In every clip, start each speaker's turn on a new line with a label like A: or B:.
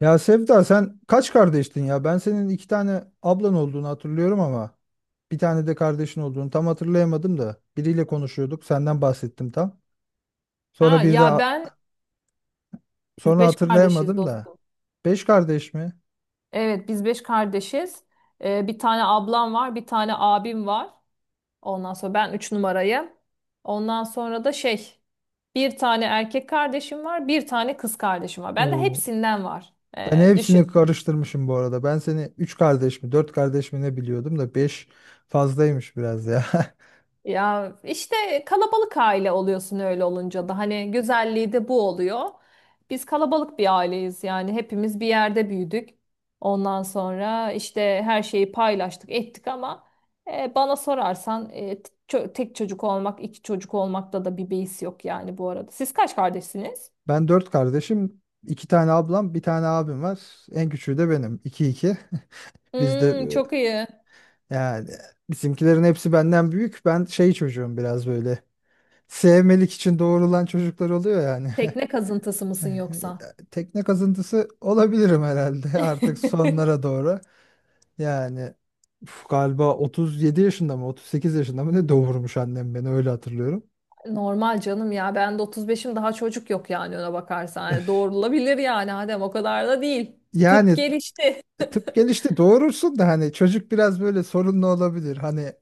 A: Ya Sevda, sen kaç kardeştin ya? Ben senin iki tane ablan olduğunu hatırlıyorum ama bir tane de kardeşin olduğunu tam hatırlayamadım da. Biriyle konuşuyorduk, senden bahsettim tam. Sonra
B: Ha,
A: bir de
B: ya ben biz
A: sonra
B: beş kardeşiz
A: hatırlayamadım da.
B: dostum.
A: Beş kardeş mi?
B: Evet, biz beş kardeşiz. Bir tane ablam var, bir tane abim var. Ondan sonra ben üç numarayım. Ondan sonra da bir tane erkek kardeşim var, bir tane kız kardeşim var. Bende
A: Oo.
B: hepsinden var.
A: Ben hepsini
B: Düşün.
A: karıştırmışım bu arada. Ben seni üç kardeş mi, dört kardeş mi ne biliyordum da beş fazlaymış biraz ya.
B: Ya işte kalabalık aile oluyorsun, öyle olunca da hani güzelliği de bu oluyor. Biz kalabalık bir aileyiz, yani hepimiz bir yerde büyüdük. Ondan sonra işte her şeyi paylaştık ettik ama bana sorarsan tek çocuk olmak, iki çocuk olmakta da bir beis yok yani bu arada. Siz kaç kardeşsiniz?
A: Ben dört kardeşim, iki tane ablam, bir tane abim var. En küçüğü de benim. İki iki. Biz de,
B: Hmm, çok iyi.
A: yani bizimkilerin hepsi benden büyük. Ben şey çocuğum biraz böyle. Sevmelik için doğrulan çocuklar oluyor yani.
B: Tekne kazıntısı mısın yoksa?
A: Tekne kazıntısı olabilirim herhalde, artık sonlara doğru. Yani uf, galiba 37 yaşında mı, 38 yaşında mı ne doğurmuş annem, beni öyle hatırlıyorum.
B: Normal canım ya. Ben de 35'im, daha çocuk yok yani ona bakarsan. Yani doğrulabilir yani Adem, o kadar da değil. Tıp
A: Yani
B: gelişti.
A: tıp gelişti, doğurursun da hani çocuk biraz böyle sorunlu olabilir. Hani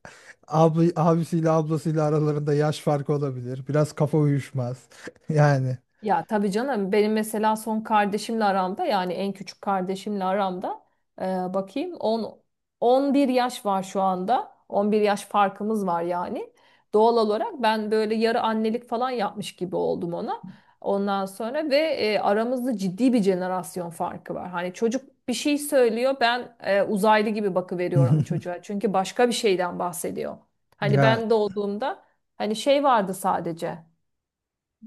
A: abla, abisiyle ablasıyla aralarında yaş farkı olabilir. Biraz kafa uyuşmaz. Yani.
B: Ya tabii canım, benim mesela son kardeşimle aramda, yani en küçük kardeşimle aramda e, bakayım, 10 11 yaş var şu anda. 11 yaş farkımız var yani. Doğal olarak ben böyle yarı annelik falan yapmış gibi oldum ona. Ondan sonra ve aramızda ciddi bir jenerasyon farkı var. Hani çocuk bir şey söylüyor, ben uzaylı gibi bakıveriyorum çocuğa. Çünkü başka bir şeyden bahsediyor. Hani
A: Ya,
B: ben doğduğumda hani vardı sadece.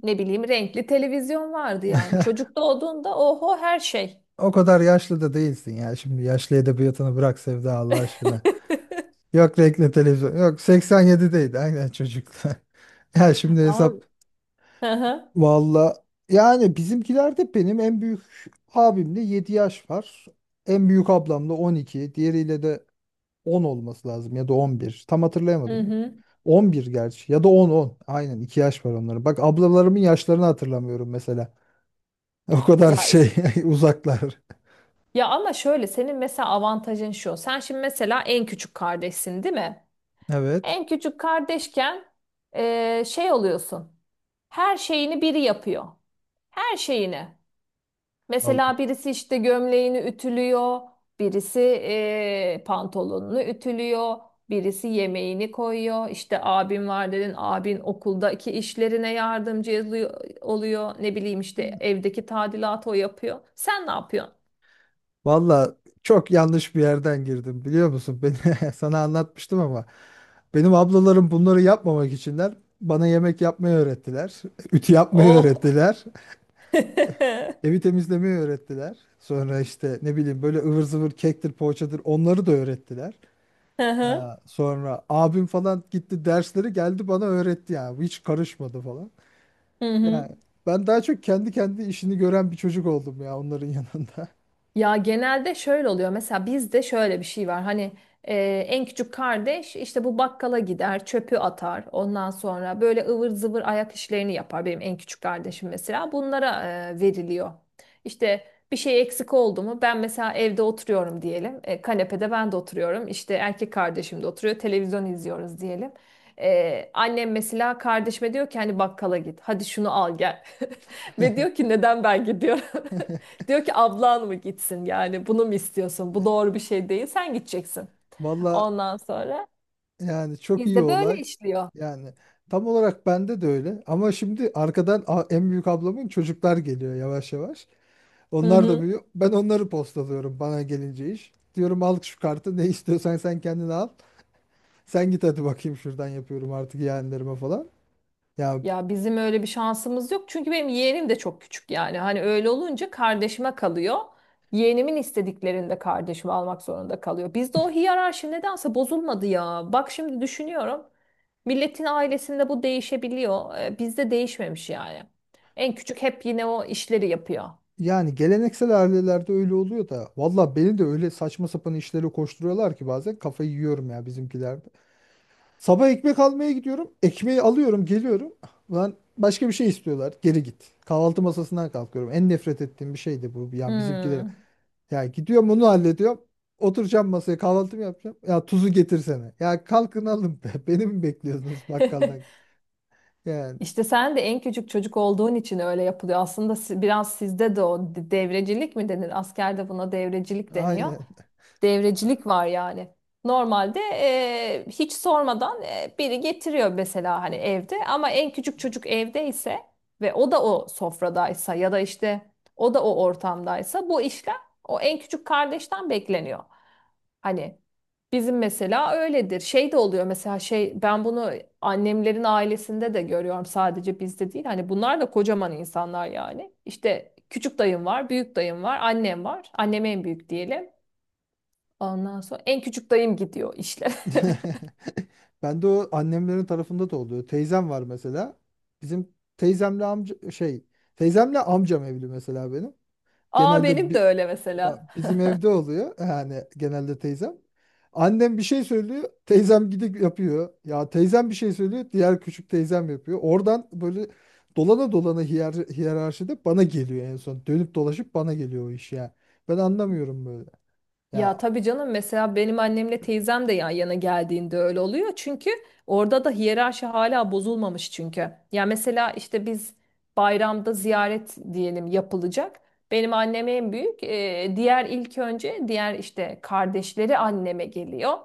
B: Ne bileyim, renkli televizyon vardı yani. Çocuk doğduğunda oho, her şey.
A: o kadar yaşlı da değilsin ya. Şimdi yaşlı edebiyatını bırak Sevda, Allah aşkına. Yok renkli televizyon. Yok, 87'deydi aynen çocuklar. Ya şimdi
B: Ama
A: hesap
B: hı hı.
A: valla, yani bizimkilerde benim en büyük abimle 7 yaş var. En büyük ablamla 12. Diğeriyle de 10 olması lazım ya da 11. Tam
B: Hı
A: hatırlayamadım.
B: hı.
A: 11 gerçi ya da on on. Aynen 2 yaş var onların. Bak, ablalarımın yaşlarını hatırlamıyorum mesela. O kadar
B: Ya
A: şey uzaklar.
B: ya ama şöyle, senin mesela avantajın şu. Sen şimdi mesela en küçük kardeşsin, değil mi?
A: Evet.
B: En küçük kardeşken oluyorsun. Her şeyini biri yapıyor. Her şeyini.
A: Al-
B: Mesela birisi işte gömleğini ütülüyor, birisi pantolonunu ütülüyor, birisi yemeğini koyuyor. İşte abim var dedin, abin okuldaki işlerine oluyor. Ne bileyim işte evdeki tadilatı o yapıyor. Sen ne yapıyorsun?
A: Valla çok yanlış bir yerden girdim, biliyor musun? Beni sana anlatmıştım ama benim ablalarım bunları yapmamak içinler, bana yemek yapmayı öğrettiler. Ütü yapmayı
B: Oh.
A: öğrettiler. Evi temizlemeyi öğrettiler. Sonra işte ne bileyim böyle ıvır zıvır kektir poğaçadır onları da öğrettiler.
B: Hı hı.
A: Ha, sonra abim falan gitti, dersleri geldi bana öğretti ya. Hiç karışmadı falan.
B: Hı hı.
A: Yani ben daha çok kendi kendi işini gören bir çocuk oldum ya, onların yanında.
B: Ya genelde şöyle oluyor. Mesela bizde şöyle bir şey var. Hani e, en küçük kardeş işte bu bakkala gider, çöpü atar. Ondan sonra böyle ıvır zıvır ayak işlerini yapar. Benim en küçük kardeşim mesela bunlara veriliyor. İşte bir şey eksik oldu mu? Ben mesela evde oturuyorum diyelim. Kanepede ben de oturuyorum. İşte erkek kardeşim de oturuyor. Televizyon izliyoruz diyelim. Annem mesela kardeşime diyor ki hani, bakkala git, hadi şunu al gel. Ve diyor ki, neden ben gidiyorum? Diyor ki, ablan mı gitsin, yani bunu mu istiyorsun? Bu doğru bir şey değil. Sen gideceksin.
A: Valla,
B: Ondan sonra
A: yani çok iyi
B: bizde böyle
A: olay.
B: işliyor.
A: Yani tam olarak bende de öyle. Ama şimdi arkadan en büyük ablamın çocuklar geliyor yavaş yavaş.
B: Hı
A: Onlar da
B: hı.
A: büyüyor. Ben onları postalıyorum bana gelince iş. Diyorum al şu kartı, ne istiyorsan sen kendine al. Sen git hadi bakayım şuradan, yapıyorum artık yeğenlerime falan. Ya,
B: Ya bizim öyle bir şansımız yok. Çünkü benim yeğenim de çok küçük yani. Hani öyle olunca kardeşime kalıyor. Yeğenimin istediklerini de kardeşime almak zorunda kalıyor. Bizde o hiyerarşi nedense bozulmadı ya. Bak şimdi düşünüyorum. Milletin ailesinde bu değişebiliyor. Bizde değişmemiş yani. En küçük hep yine o işleri yapıyor.
A: yani geleneksel ailelerde öyle oluyor da. Valla beni de öyle saçma sapan işlere koşturuyorlar ki bazen kafayı yiyorum ya bizimkiler. Sabah ekmek almaya gidiyorum. Ekmeği alıyorum, geliyorum. Ben başka bir şey istiyorlar. Geri git. Kahvaltı masasından kalkıyorum. En nefret ettiğim bir şeydi bu. Ya bizimkiler,
B: Hmm.
A: ya gidiyorum onu hallediyorum. Oturacağım masaya kahvaltımı yapacağım. Ya tuzu getirsene. Ya kalkın alın be. Beni mi bekliyorsunuz bakkaldan? Yani
B: İşte sen de en küçük çocuk olduğun için öyle yapılıyor. Aslında biraz sizde de o devrecilik mi denir? Askerde buna devrecilik deniyor.
A: aynen.
B: Devrecilik var yani. Normalde hiç sormadan biri getiriyor mesela, hani evde ama en küçük çocuk evdeyse ve o da o sofradaysa ya da işte o da o ortamdaysa bu işlem o en küçük kardeşten bekleniyor. Hani bizim mesela öyledir. Şey de oluyor mesela, ben bunu annemlerin ailesinde de görüyorum, sadece bizde değil. Hani bunlar da kocaman insanlar yani. İşte küçük dayım var, büyük dayım var, annem var. Annem en büyük diyelim. Ondan sonra en küçük dayım gidiyor işlere.
A: Ben de o, annemlerin tarafında da oluyor. Teyzem var mesela. Bizim teyzemle amca şey, teyzemle amcam evli mesela benim.
B: Aa,
A: Genelde
B: benim de öyle mesela.
A: bizim evde oluyor. Yani genelde teyzem. Annem bir şey söylüyor. Teyzem gidip yapıyor. Ya teyzem bir şey söylüyor. Diğer küçük teyzem yapıyor. Oradan böyle dolana dolana hiyerarşide bana geliyor en son. Dönüp dolaşıp bana geliyor o iş ya. Ben anlamıyorum böyle. Ya,
B: Ya tabii canım, mesela benim annemle teyzem de yan yana geldiğinde öyle oluyor. Çünkü orada da hiyerarşi hala bozulmamış çünkü. Ya mesela işte biz bayramda ziyaret diyelim yapılacak. Benim annem en büyük. Diğer ilk önce diğer işte kardeşleri anneme geliyor.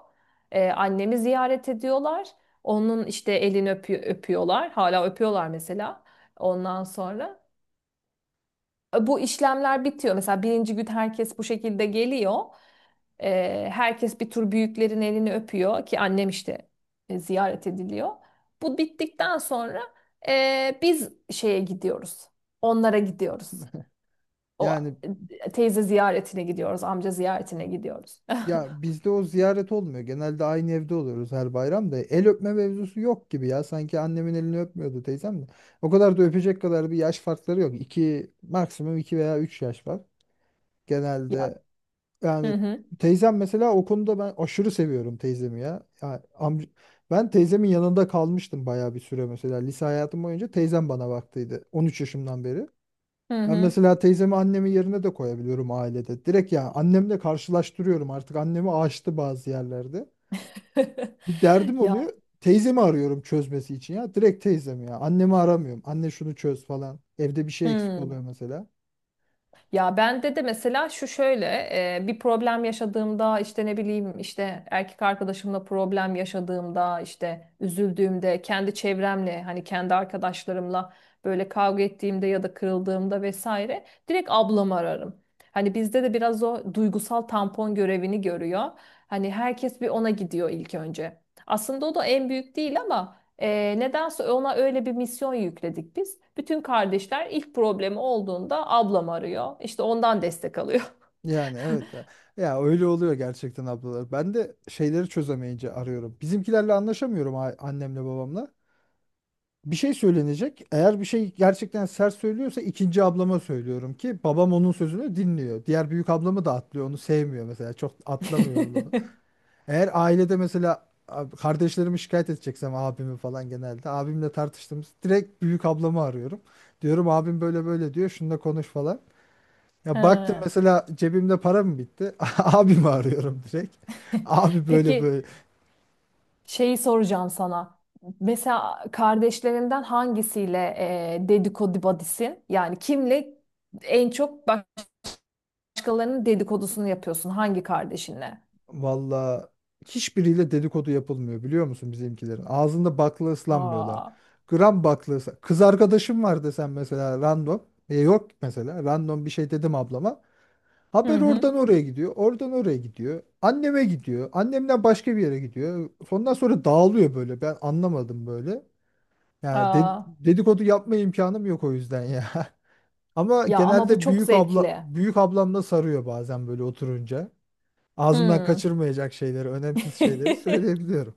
B: Annemi ziyaret ediyorlar. Onun işte elini öpüyorlar. Hala öpüyorlar mesela. Ondan sonra. Bu işlemler bitiyor. Mesela birinci gün herkes bu şekilde geliyor. Herkes bir tur büyüklerin elini öpüyor ki annem işte ziyaret ediliyor. Bu bittikten sonra biz şeye gidiyoruz. Onlara gidiyoruz. O
A: yani
B: teyze ziyaretine gidiyoruz, amca ziyaretine gidiyoruz.
A: ya, bizde o ziyaret olmuyor. Genelde aynı evde oluyoruz her bayram da. El öpme mevzusu yok gibi ya. Sanki annemin elini öpmüyordu teyzem de. O kadar da öpecek kadar bir yaş farkları yok. 2, maksimum 2 veya 3 yaş var.
B: Ya.
A: Genelde
B: Hı
A: yani
B: hı.
A: teyzem mesela, o konuda ben aşırı seviyorum teyzemi ya. Ya ben teyzemin yanında kalmıştım bayağı bir süre mesela. Lise hayatım boyunca teyzem bana baktıydı, 13 yaşımdan beri.
B: Hı
A: Ben
B: hı.
A: mesela teyzemi annemin yerine de koyabiliyorum ailede. Direkt ya, annemle karşılaştırıyorum, artık annemi aştı bazı yerlerde. Bir derdim
B: Ya.
A: oluyor. Teyzemi arıyorum çözmesi için ya. Direkt teyzemi ya. Annemi aramıyorum. Anne şunu çöz falan. Evde bir şey eksik
B: Hı.
A: oluyor mesela.
B: Ya bende de mesela şu şöyle, bir problem yaşadığımda, işte ne bileyim, işte erkek arkadaşımla problem yaşadığımda, işte üzüldüğümde, kendi çevremle hani kendi arkadaşlarımla böyle kavga ettiğimde ya da kırıldığımda vesaire, direkt ablamı ararım. Hani bizde de biraz o duygusal tampon görevini görüyor. Hani herkes bir ona gidiyor ilk önce. Aslında o da en büyük değil ama nedense ona öyle bir misyon yükledik biz. Bütün kardeşler ilk problemi olduğunda ablam arıyor. İşte ondan destek alıyor.
A: Yani evet. Ya, ya öyle oluyor gerçekten ablalar. Ben de şeyleri çözemeyince arıyorum. Bizimkilerle anlaşamıyorum, annemle babamla bir şey söylenecek. Eğer bir şey gerçekten sert söylüyorsa, ikinci ablama söylüyorum ki babam onun sözünü dinliyor. Diğer büyük ablamı da atlıyor. Onu sevmiyor mesela. Çok atlamıyor onun lafı. Eğer ailede mesela kardeşlerimi şikayet edeceksem abimi falan, genelde abimle tartıştığımız direkt büyük ablamı arıyorum. Diyorum abim böyle böyle diyor. Şununla konuş falan.
B: He.
A: Ya baktım mesela cebimde para mı bitti? Abimi arıyorum direkt. Abi böyle
B: Peki,
A: böyle.
B: şeyi soracağım sana. Mesela kardeşlerinden hangisiyle dedikodu badisin? Yani kimle en çok başkalarının dedikodusunu yapıyorsun? Hangi kardeşinle?
A: Valla hiçbiriyle dedikodu yapılmıyor, biliyor musun bizimkilerin? Ağzında bakla ıslanmıyorlar.
B: Aa.
A: Kız arkadaşım var desem mesela random. E yok, mesela random bir şey dedim ablama.
B: Hı
A: Haber
B: hı.
A: oradan oraya gidiyor. Oradan oraya gidiyor. Anneme gidiyor. Annemden başka bir yere gidiyor. Ondan sonra dağılıyor böyle. Ben anlamadım böyle. Yani
B: Aa.
A: dedikodu yapma imkanım yok o yüzden ya. Ama
B: Ya ama bu
A: genelde
B: çok zevkli.
A: büyük ablamla sarıyor bazen, böyle oturunca ağzımdan
B: Hmm.
A: kaçırmayacak şeyleri, önemsiz şeyleri söyleyebiliyorum.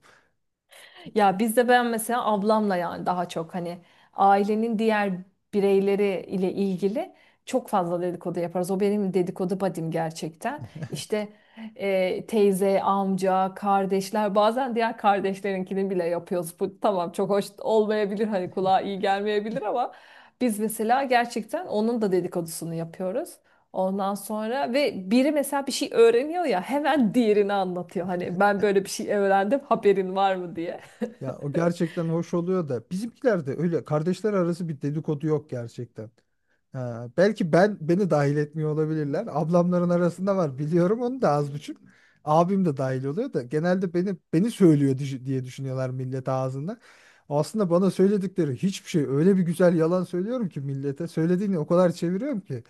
B: Ya bizde ben mesela ablamla, yani daha çok hani ailenin diğer bireyleri ile ilgili çok fazla dedikodu yaparız. O benim dedikodu badim gerçekten. İşte teyze, amca, kardeşler, bazen diğer kardeşlerinkini bile yapıyoruz. Bu tamam, çok hoş olmayabilir, hani kulağa iyi gelmeyebilir ama biz mesela gerçekten onun da dedikodusunu yapıyoruz. Ondan sonra ve biri mesela bir şey öğreniyor ya, hemen diğerini anlatıyor. Hani ben böyle bir şey öğrendim, haberin var mı diye.
A: Ya o gerçekten hoş oluyor da bizimkilerde öyle kardeşler arası bir dedikodu yok gerçekten. Ha, belki ben, beni dahil etmiyor olabilirler. Ablamların arasında var, biliyorum onu da az buçuk. Abim de dahil oluyor da genelde beni söylüyor diye düşünüyorlar millet ağzında. Aslında bana söyledikleri hiçbir şey, öyle bir güzel yalan söylüyorum ki millete. Söylediğini o kadar çeviriyorum ki.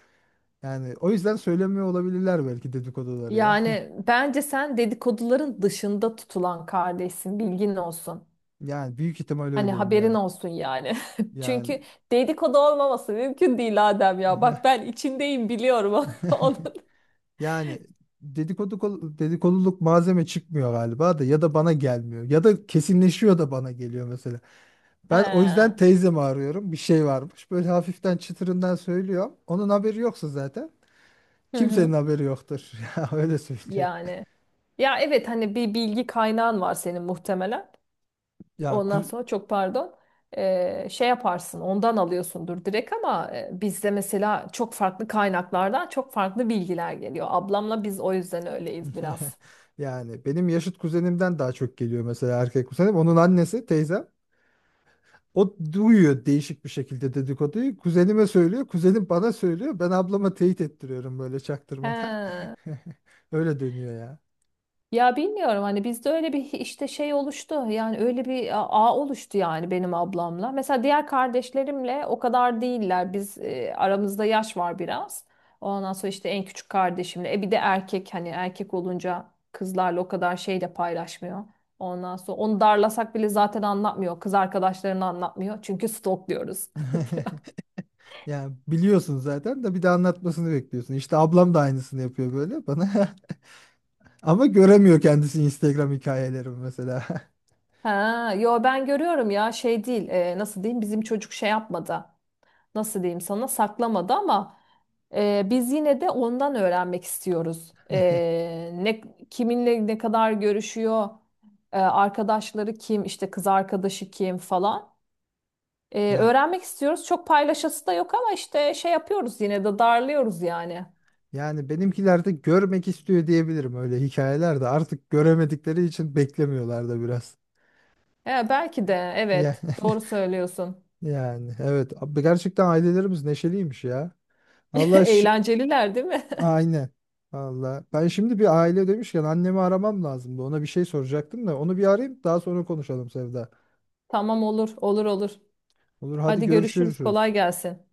A: Yani o yüzden söylemiyor olabilirler belki dedikoduları ya.
B: Yani bence sen dedikoduların dışında tutulan kardeşsin, bilgin olsun.
A: Yani büyük ihtimal
B: Hani
A: öyleyim
B: haberin
A: ya.
B: olsun yani.
A: Yani
B: Çünkü dedikodu olmaması mümkün değil Adem ya.
A: ya-
B: Bak ben içindeyim, biliyorum onun.
A: yani dedikoduluk malzeme çıkmıyor galiba, da ya da bana gelmiyor ya da kesinleşiyor da bana geliyor mesela.
B: He.
A: Ben o yüzden
B: Hı
A: teyzemi arıyorum. Bir şey varmış. Böyle hafiften çıtırından söylüyor. Onun haberi yoksa zaten kimsenin
B: hı.
A: haberi yoktur. Ya öyle söyleyeyim.
B: Yani. Ya evet, hani bir bilgi kaynağın var senin muhtemelen.
A: Yani ku-
B: Ondan sonra çok pardon. Şey yaparsın, ondan alıyorsundur direkt ama bizde mesela çok farklı kaynaklardan çok farklı bilgiler geliyor. Ablamla biz o yüzden öyleyiz biraz.
A: yani benim yaşıt kuzenimden daha çok geliyor mesela erkek kuzenim. Onun annesi teyzem. O duyuyor değişik bir şekilde dedikoduyu. Kuzenime söylüyor. Kuzenim bana söylüyor. Ben ablama teyit ettiriyorum böyle çaktırmadan.
B: He.
A: Öyle dönüyor ya.
B: Ya bilmiyorum, hani bizde öyle bir işte oluştu, yani öyle bir ağ oluştu yani benim ablamla. Mesela diğer kardeşlerimle o kadar değiller, biz aramızda yaş var biraz. Ondan sonra işte en küçük kardeşimle, bir de erkek, hani erkek olunca kızlarla o kadar de paylaşmıyor. Ondan sonra onu darlasak bile zaten anlatmıyor, kız arkadaşlarını anlatmıyor çünkü stalkluyoruz.
A: Yani biliyorsun zaten, de bir de anlatmasını bekliyorsun. İşte ablam da aynısını yapıyor böyle bana. Ama göremiyor kendisi Instagram hikayelerimi mesela.
B: Ha, yo ben görüyorum ya, değil, nasıl diyeyim, bizim çocuk yapmadı. Nasıl diyeyim sana, saklamadı ama biz yine de ondan öğrenmek istiyoruz. E, ne kiminle ne kadar görüşüyor, arkadaşları kim, işte kız arkadaşı kim falan.
A: Ya,
B: Öğrenmek istiyoruz. Çok paylaşası da yok ama işte yapıyoruz, yine de darlıyoruz yani.
A: yani benimkiler de görmek istiyor diyebilirim, öyle hikayeler de artık göremedikleri için beklemiyorlar da biraz.
B: Belki de,
A: Yani,
B: evet, doğru söylüyorsun.
A: yani evet abi, gerçekten ailelerimiz neşeliymiş ya. Allah şi-
B: Eğlenceliler değil mi?
A: aynen. Allah. Ben şimdi bir aile demişken annemi aramam lazımdı. Ona bir şey soracaktım da onu bir arayayım, daha sonra konuşalım Sevda.
B: Tamam, olur olur olur.
A: Olur, hadi
B: Hadi görüşürüz, kolay
A: görüşürüz.
B: gelsin.